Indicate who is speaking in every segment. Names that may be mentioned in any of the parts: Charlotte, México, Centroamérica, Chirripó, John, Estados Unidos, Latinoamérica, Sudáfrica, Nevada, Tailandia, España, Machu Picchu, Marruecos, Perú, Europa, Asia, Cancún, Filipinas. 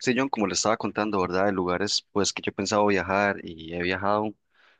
Speaker 1: Sí, John, como le estaba contando, ¿verdad? De lugares pues que yo he pensado viajar y he viajado,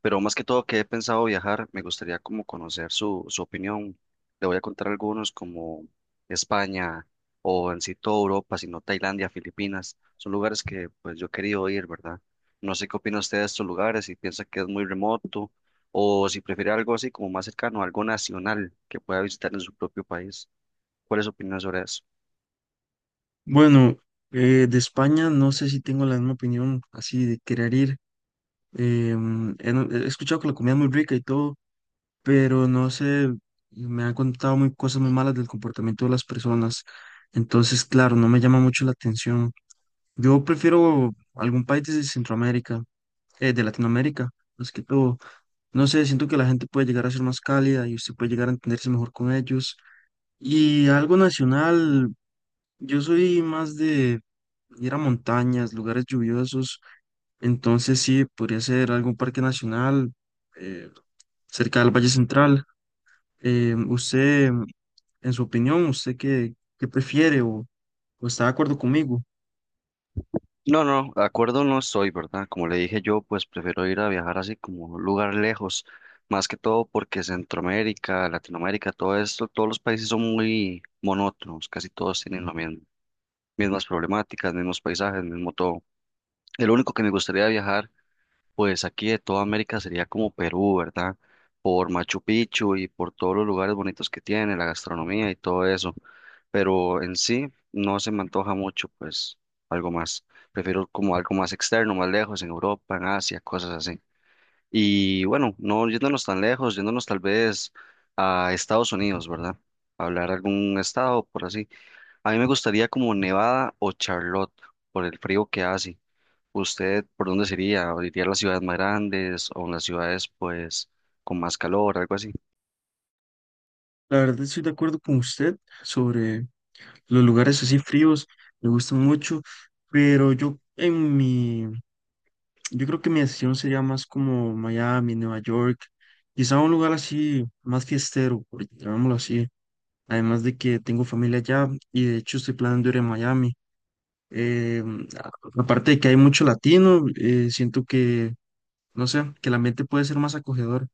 Speaker 1: pero más que todo que he pensado viajar, me gustaría como conocer su opinión. Le voy a contar algunos como España o en sí toda Europa, sino Tailandia, Filipinas. Son lugares que pues yo he querido ir, ¿verdad? No sé qué opina usted de estos lugares, si piensa que es muy remoto o si prefiere algo así como más cercano, algo nacional que pueda visitar en su propio país. ¿Cuál es su opinión sobre eso?
Speaker 2: Bueno, de España no sé si tengo la misma opinión así de querer ir. Em, he, no- He escuchado que la comida es muy rica y todo, pero no sé, me han contado cosas muy malas del comportamiento de las personas. Entonces, claro, no me llama mucho la atención. Yo prefiero algún país de Centroamérica, de Latinoamérica, más que todo. No sé, siento que la gente puede llegar a ser más cálida y usted puede llegar a entenderse mejor con ellos. Y algo nacional. Yo soy más de ir a montañas, lugares lluviosos, entonces sí, podría ser algún parque nacional eh, cerca del Valle Central. Eh, usted, en su opinión, ¿usted qué prefiere o está de acuerdo conmigo?
Speaker 1: No, no, de acuerdo no estoy, ¿verdad? Como le dije yo, pues prefiero ir a viajar así como un lugar lejos, más que todo porque Centroamérica, Latinoamérica, todo esto, todos los países son muy monótonos, casi todos tienen las mismas problemáticas, mismos paisajes, mismo todo. El único que me gustaría viajar pues aquí de toda América sería como Perú, ¿verdad? Por Machu Picchu y por todos los lugares bonitos que tiene, la gastronomía y todo eso. Pero en sí no se me antoja mucho, pues algo más. Prefiero como algo más externo, más lejos, en Europa, en Asia, cosas así. Y bueno, no yéndonos tan lejos, yéndonos tal vez a Estados Unidos, ¿verdad? Hablar algún estado por así. A mí me gustaría como Nevada o Charlotte por el frío que hace. ¿Usted por dónde sería? ¿Iría a las ciudades más grandes o en las ciudades pues con más calor, algo así?
Speaker 2: La verdad estoy de acuerdo con usted sobre los lugares así fríos, me gustan mucho, pero yo creo que mi decisión sería más como Miami, Nueva York, quizá un lugar así más fiestero, por llamémoslo así. Además de que tengo familia allá y de hecho estoy planeando ir a Miami. Eh, a- Aparte de que hay mucho latino, siento que, no sé, que el ambiente puede ser más acogedor.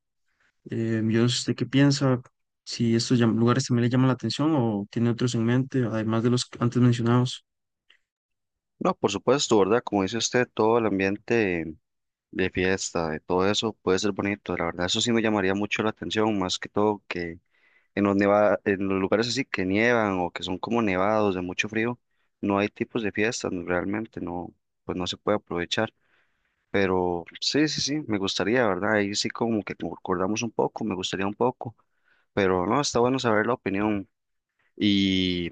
Speaker 2: Yo no sé usted qué piensa, si estos lugares también le llaman la atención o tiene otros en mente, además de los antes mencionados.
Speaker 1: No, por supuesto, ¿verdad? Como dice usted, todo el ambiente de fiesta, de todo eso puede ser bonito, la verdad, eso sí me llamaría mucho la atención, más que todo que en los en los lugares así que nievan o que son como nevados de mucho frío, no hay tipos de fiestas, realmente no, pues no se puede aprovechar. Pero sí, sí, sí, me gustaría, ¿verdad? Ahí sí como que concordamos un poco, me gustaría un poco. Pero no, está bueno saber la opinión. Y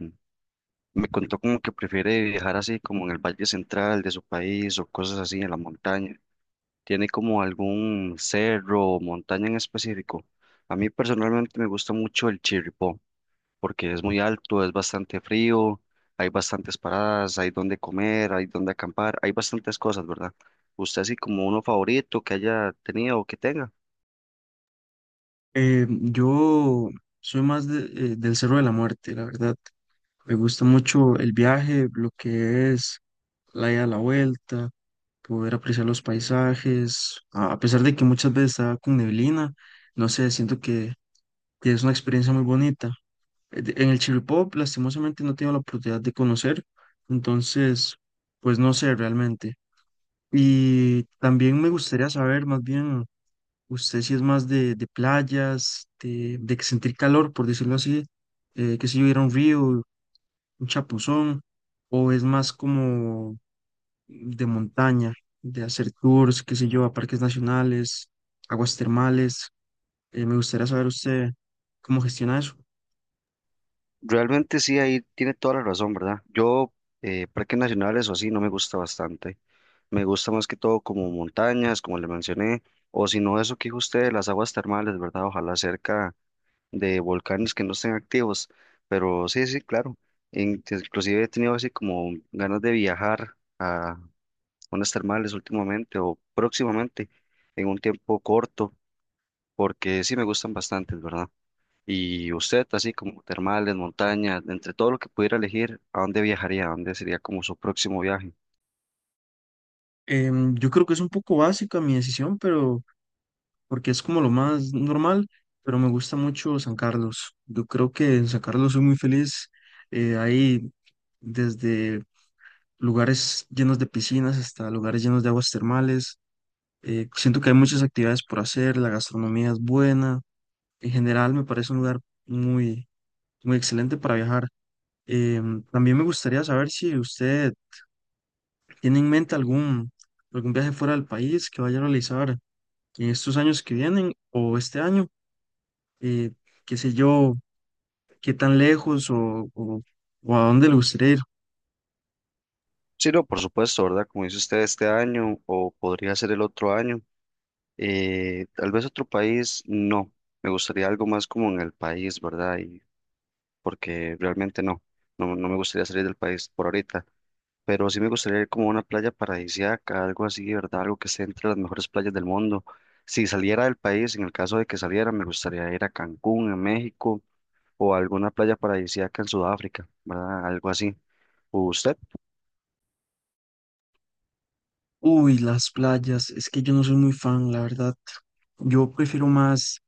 Speaker 1: me contó como que prefiere viajar así como en el valle central de su país o cosas así en la montaña. ¿Tiene como algún cerro o montaña en específico? A mí personalmente me gusta mucho el Chirripó porque es muy alto, es bastante frío, hay bastantes paradas, hay donde comer, hay donde acampar, hay bastantes cosas, ¿verdad? ¿Usted así como uno favorito que haya tenido o que tenga?
Speaker 2: Yo soy más de- del Cerro de la Muerte, la verdad. Me gusta mucho el viaje, lo que es la ida a la vuelta poder apreciar los paisajes, a pesar de que muchas veces está con neblina, no sé, que es una experiencia muy bonita. En el Chirripó, lastimosamente, no tengo la oportunidad de conocer, entonces, pues no sé realmente. Y también me gustaría saber, más bien, usted si es más de playas, de que sentir calor, por decirlo así, que si hubiera un río, un chapuzón, o es más como de montaña, de hacer tours, qué sé yo, a parques nacionales, aguas termales. Me gustaría saber usted cómo gestiona eso.
Speaker 1: Realmente sí, ahí tiene toda la razón, ¿verdad? Yo, parques nacionales o así, no me gusta bastante. Me gusta más que todo como montañas, como le mencioné, o si no, eso que dijo usted, las aguas termales, ¿verdad? Ojalá cerca de volcanes que no estén activos. Pero sí, sí, claro. Inclusive he tenido así como ganas de viajar a unas termales últimamente o próximamente, en un tiempo corto, porque sí me gustan bastante, ¿verdad? Y usted, así como termales, montañas, entre todo lo que pudiera elegir, ¿a dónde viajaría? ¿A dónde sería como su próximo viaje?
Speaker 2: Yo creo que es un poco básica mi decisión, pero porque es como lo más normal, pero me gusta mucho San Carlos. Yo creo que en San Carlos soy muy feliz. Hay desde lugares llenos de piscinas hasta lugares llenos de aguas termales. Siento que hay muchas actividades por hacer, la gastronomía es buena. En general me parece un lugar muy, muy excelente para viajar. También me gustaría saber si usted tiene en mente algún viaje fuera del país que vaya a realizar en estos años que vienen o este año. Eh, Qué sé yo, qué tan lejos o a dónde le gustaría ir.
Speaker 1: Sí, no, por supuesto, ¿verdad? Como dice usted, este año o podría ser el otro año. Tal vez otro país, no. Me gustaría algo más como en el país, ¿verdad? Y porque realmente no, no me gustaría salir del país por ahorita. Pero sí me gustaría ir como a una playa paradisíaca, algo así, ¿verdad? Algo que esté entre las mejores playas del mundo. Si saliera del país, en el caso de que saliera, me gustaría ir a Cancún, en México o alguna playa paradisíaca en Sudáfrica, ¿verdad? Algo así. ¿Usted?
Speaker 2: Uy, las playas. Es que yo no soy muy fan, la verdad. Yo prefiero más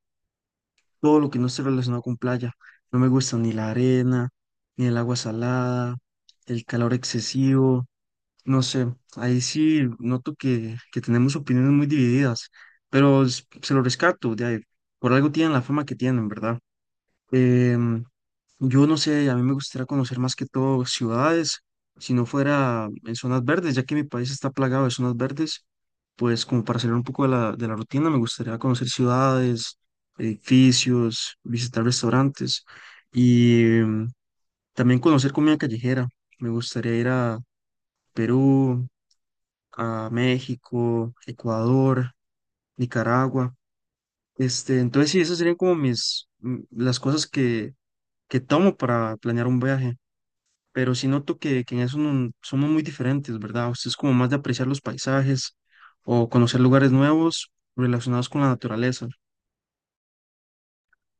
Speaker 2: todo lo que no esté relacionado con playa. No me gusta ni la arena, ni el agua salada, el calor excesivo. No sé, ahí sí noto que tenemos opiniones muy divididas, pero se lo rescato, de ahí, por algo tienen la fama que tienen, ¿verdad? Em, yo no sé, a mí me gustaría conocer más que todo ciudades, si no fuera en zonas verdes, ya que mi país está plagado de zonas verdes, pues como para salir un poco de de la rutina, me gustaría conocer ciudades, edificios, visitar restaurantes y también conocer comida callejera. Me gustaría ir a Perú a México, Ecuador, Nicaragua. Este, entonces sí, esas serían como las cosas que tomo para planear un viaje. Pero sí noto que en eso somos muy diferentes, ¿verdad? Usted es como más de apreciar los paisajes o conocer lugares nuevos relacionados con la naturaleza.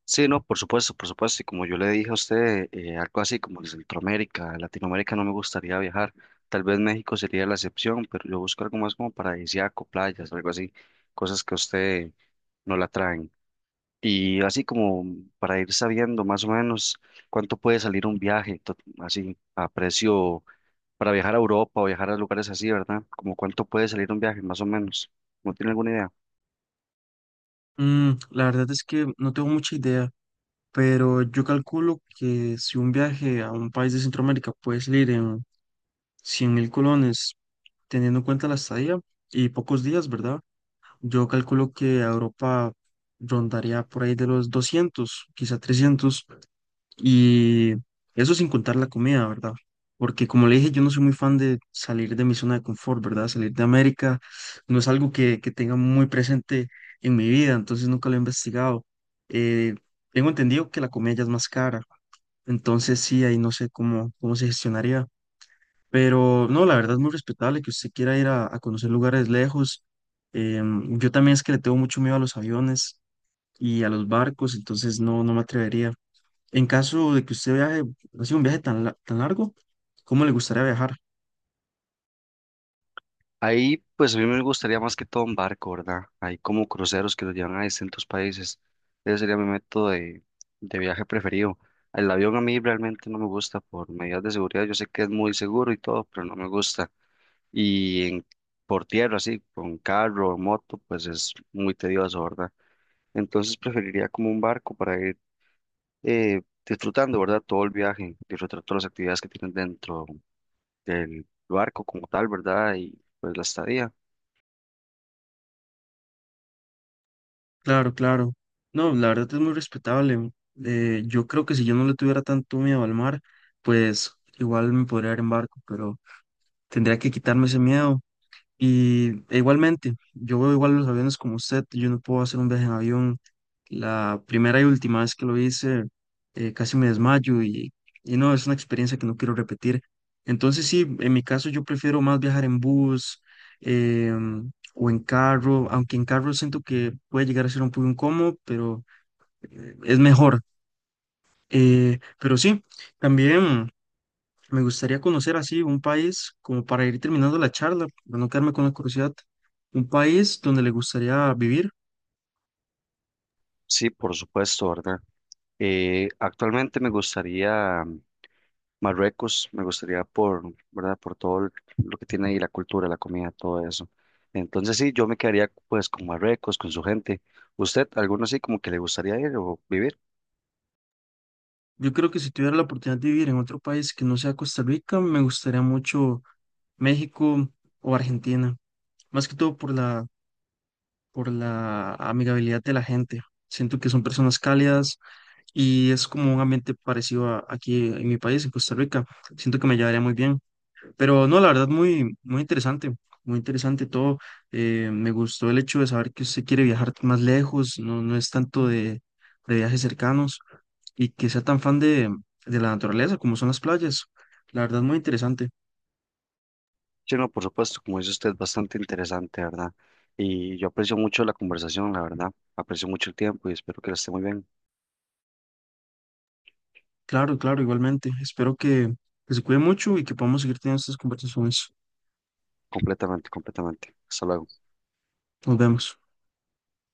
Speaker 1: Sí, no, por supuesto, por supuesto. Y como yo le dije a usted, algo así como de Centroamérica, Latinoamérica no me gustaría viajar. Tal vez México sería la excepción, pero yo busco algo más como paradisíaco, playas, algo así, cosas que a usted no la traen. Y así como para ir sabiendo más o menos cuánto puede salir un viaje, así a precio para viajar a Europa o viajar a lugares así, ¿verdad? Como cuánto puede salir un viaje, más o menos. ¿No tiene alguna idea?
Speaker 2: La verdad es que no tengo mucha idea, pero yo calculo que si un viaje a un país de Centroamérica puede salir en 100.000 colones, teniendo en cuenta la estadía y pocos días, ¿verdad? Yo calculo que a Europa rondaría por ahí de los 200, quizá 300 y eso sin contar la comida, ¿verdad? Porque como le dije, yo no soy muy fan de salir de mi zona de confort, ¿verdad? Salir de América no es algo que tenga muy presente en mi vida, entonces nunca lo he investigado. Eh, Tengo entendido que la comida ya es más cara, entonces sí, ahí no sé cómo se gestionaría. Pero no, la verdad es muy respetable que usted quiera ir a conocer lugares lejos. Yo también es que le tengo mucho miedo a los aviones y a los barcos, entonces no, no me atrevería. En caso de que usted viaje, así un viaje tan largo, ¿cómo le gustaría viajar?
Speaker 1: Ahí, pues a mí me gustaría más que todo un barco, ¿verdad? Hay como cruceros que los llevan a distintos países. Ese sería mi método de viaje preferido. El avión a mí realmente no me gusta por medidas de seguridad. Yo sé que es muy seguro y todo, pero no me gusta. Y en- por tierra, así, con carro o moto, pues es muy tedioso, ¿verdad? Entonces preferiría como un barco para ir disfrutando, ¿verdad? Todo el viaje, disfrutar todas las actividades que tienen dentro del barco como tal, ¿verdad? Y pues la estadía.
Speaker 2: Claro, claro. No, la verdad es muy respetable. Yo creo que si yo no le tuviera tanto miedo al mar, pues igual me podría ir en barco, pero tendría que quitarme ese miedo. Y e igualmente, yo veo igual los aviones como usted, yo no puedo hacer un viaje en avión. La primera y última vez que lo hice, casi me desmayo y no, es una experiencia que no quiero repetir. Entonces sí, en mi caso yo prefiero más viajar en bus o en carro, aunque en carro siento que puede llegar a ser un poco incómodo, pero es mejor. Pero sí, también... Me gustaría conocer así un país, como para ir terminando la charla, para no quedarme con la curiosidad, un país donde le gustaría vivir.
Speaker 1: Sí, por supuesto, ¿verdad? Actualmente me gustaría Marruecos, me gustaría por, ¿verdad? Por todo lo que tiene ahí la cultura, la comida, todo eso. Entonces sí, yo me quedaría pues con Marruecos, con su gente. ¿Usted, alguno así como que le gustaría ir o vivir?
Speaker 2: Yo creo que si tuviera la oportunidad de vivir en otro país que no sea Costa Rica, me gustaría mucho México o Argentina, más que todo por por la amigabilidad de la gente. Siento que son personas cálidas y es como un ambiente parecido a aquí en mi país, en Costa Rica. Siento que me llevaría muy bien. Pero no, la verdad, muy, muy interesante todo. Me gustó el hecho de saber que usted quiere viajar más lejos, no, no es tanto de viajes cercanos y que sea tan fan de la naturaleza como son las playas. La verdad, muy interesante.
Speaker 1: Sí, no, por supuesto, como dice usted, bastante interesante, ¿verdad? Y yo aprecio mucho la conversación, la verdad. Aprecio mucho el tiempo y espero que la esté muy bien,
Speaker 2: Claro, claro, igualmente. Espero que se cuide mucho y que podamos seguir teniendo estas conversaciones.
Speaker 1: completamente, completamente. Hasta luego.
Speaker 2: Nos vemos.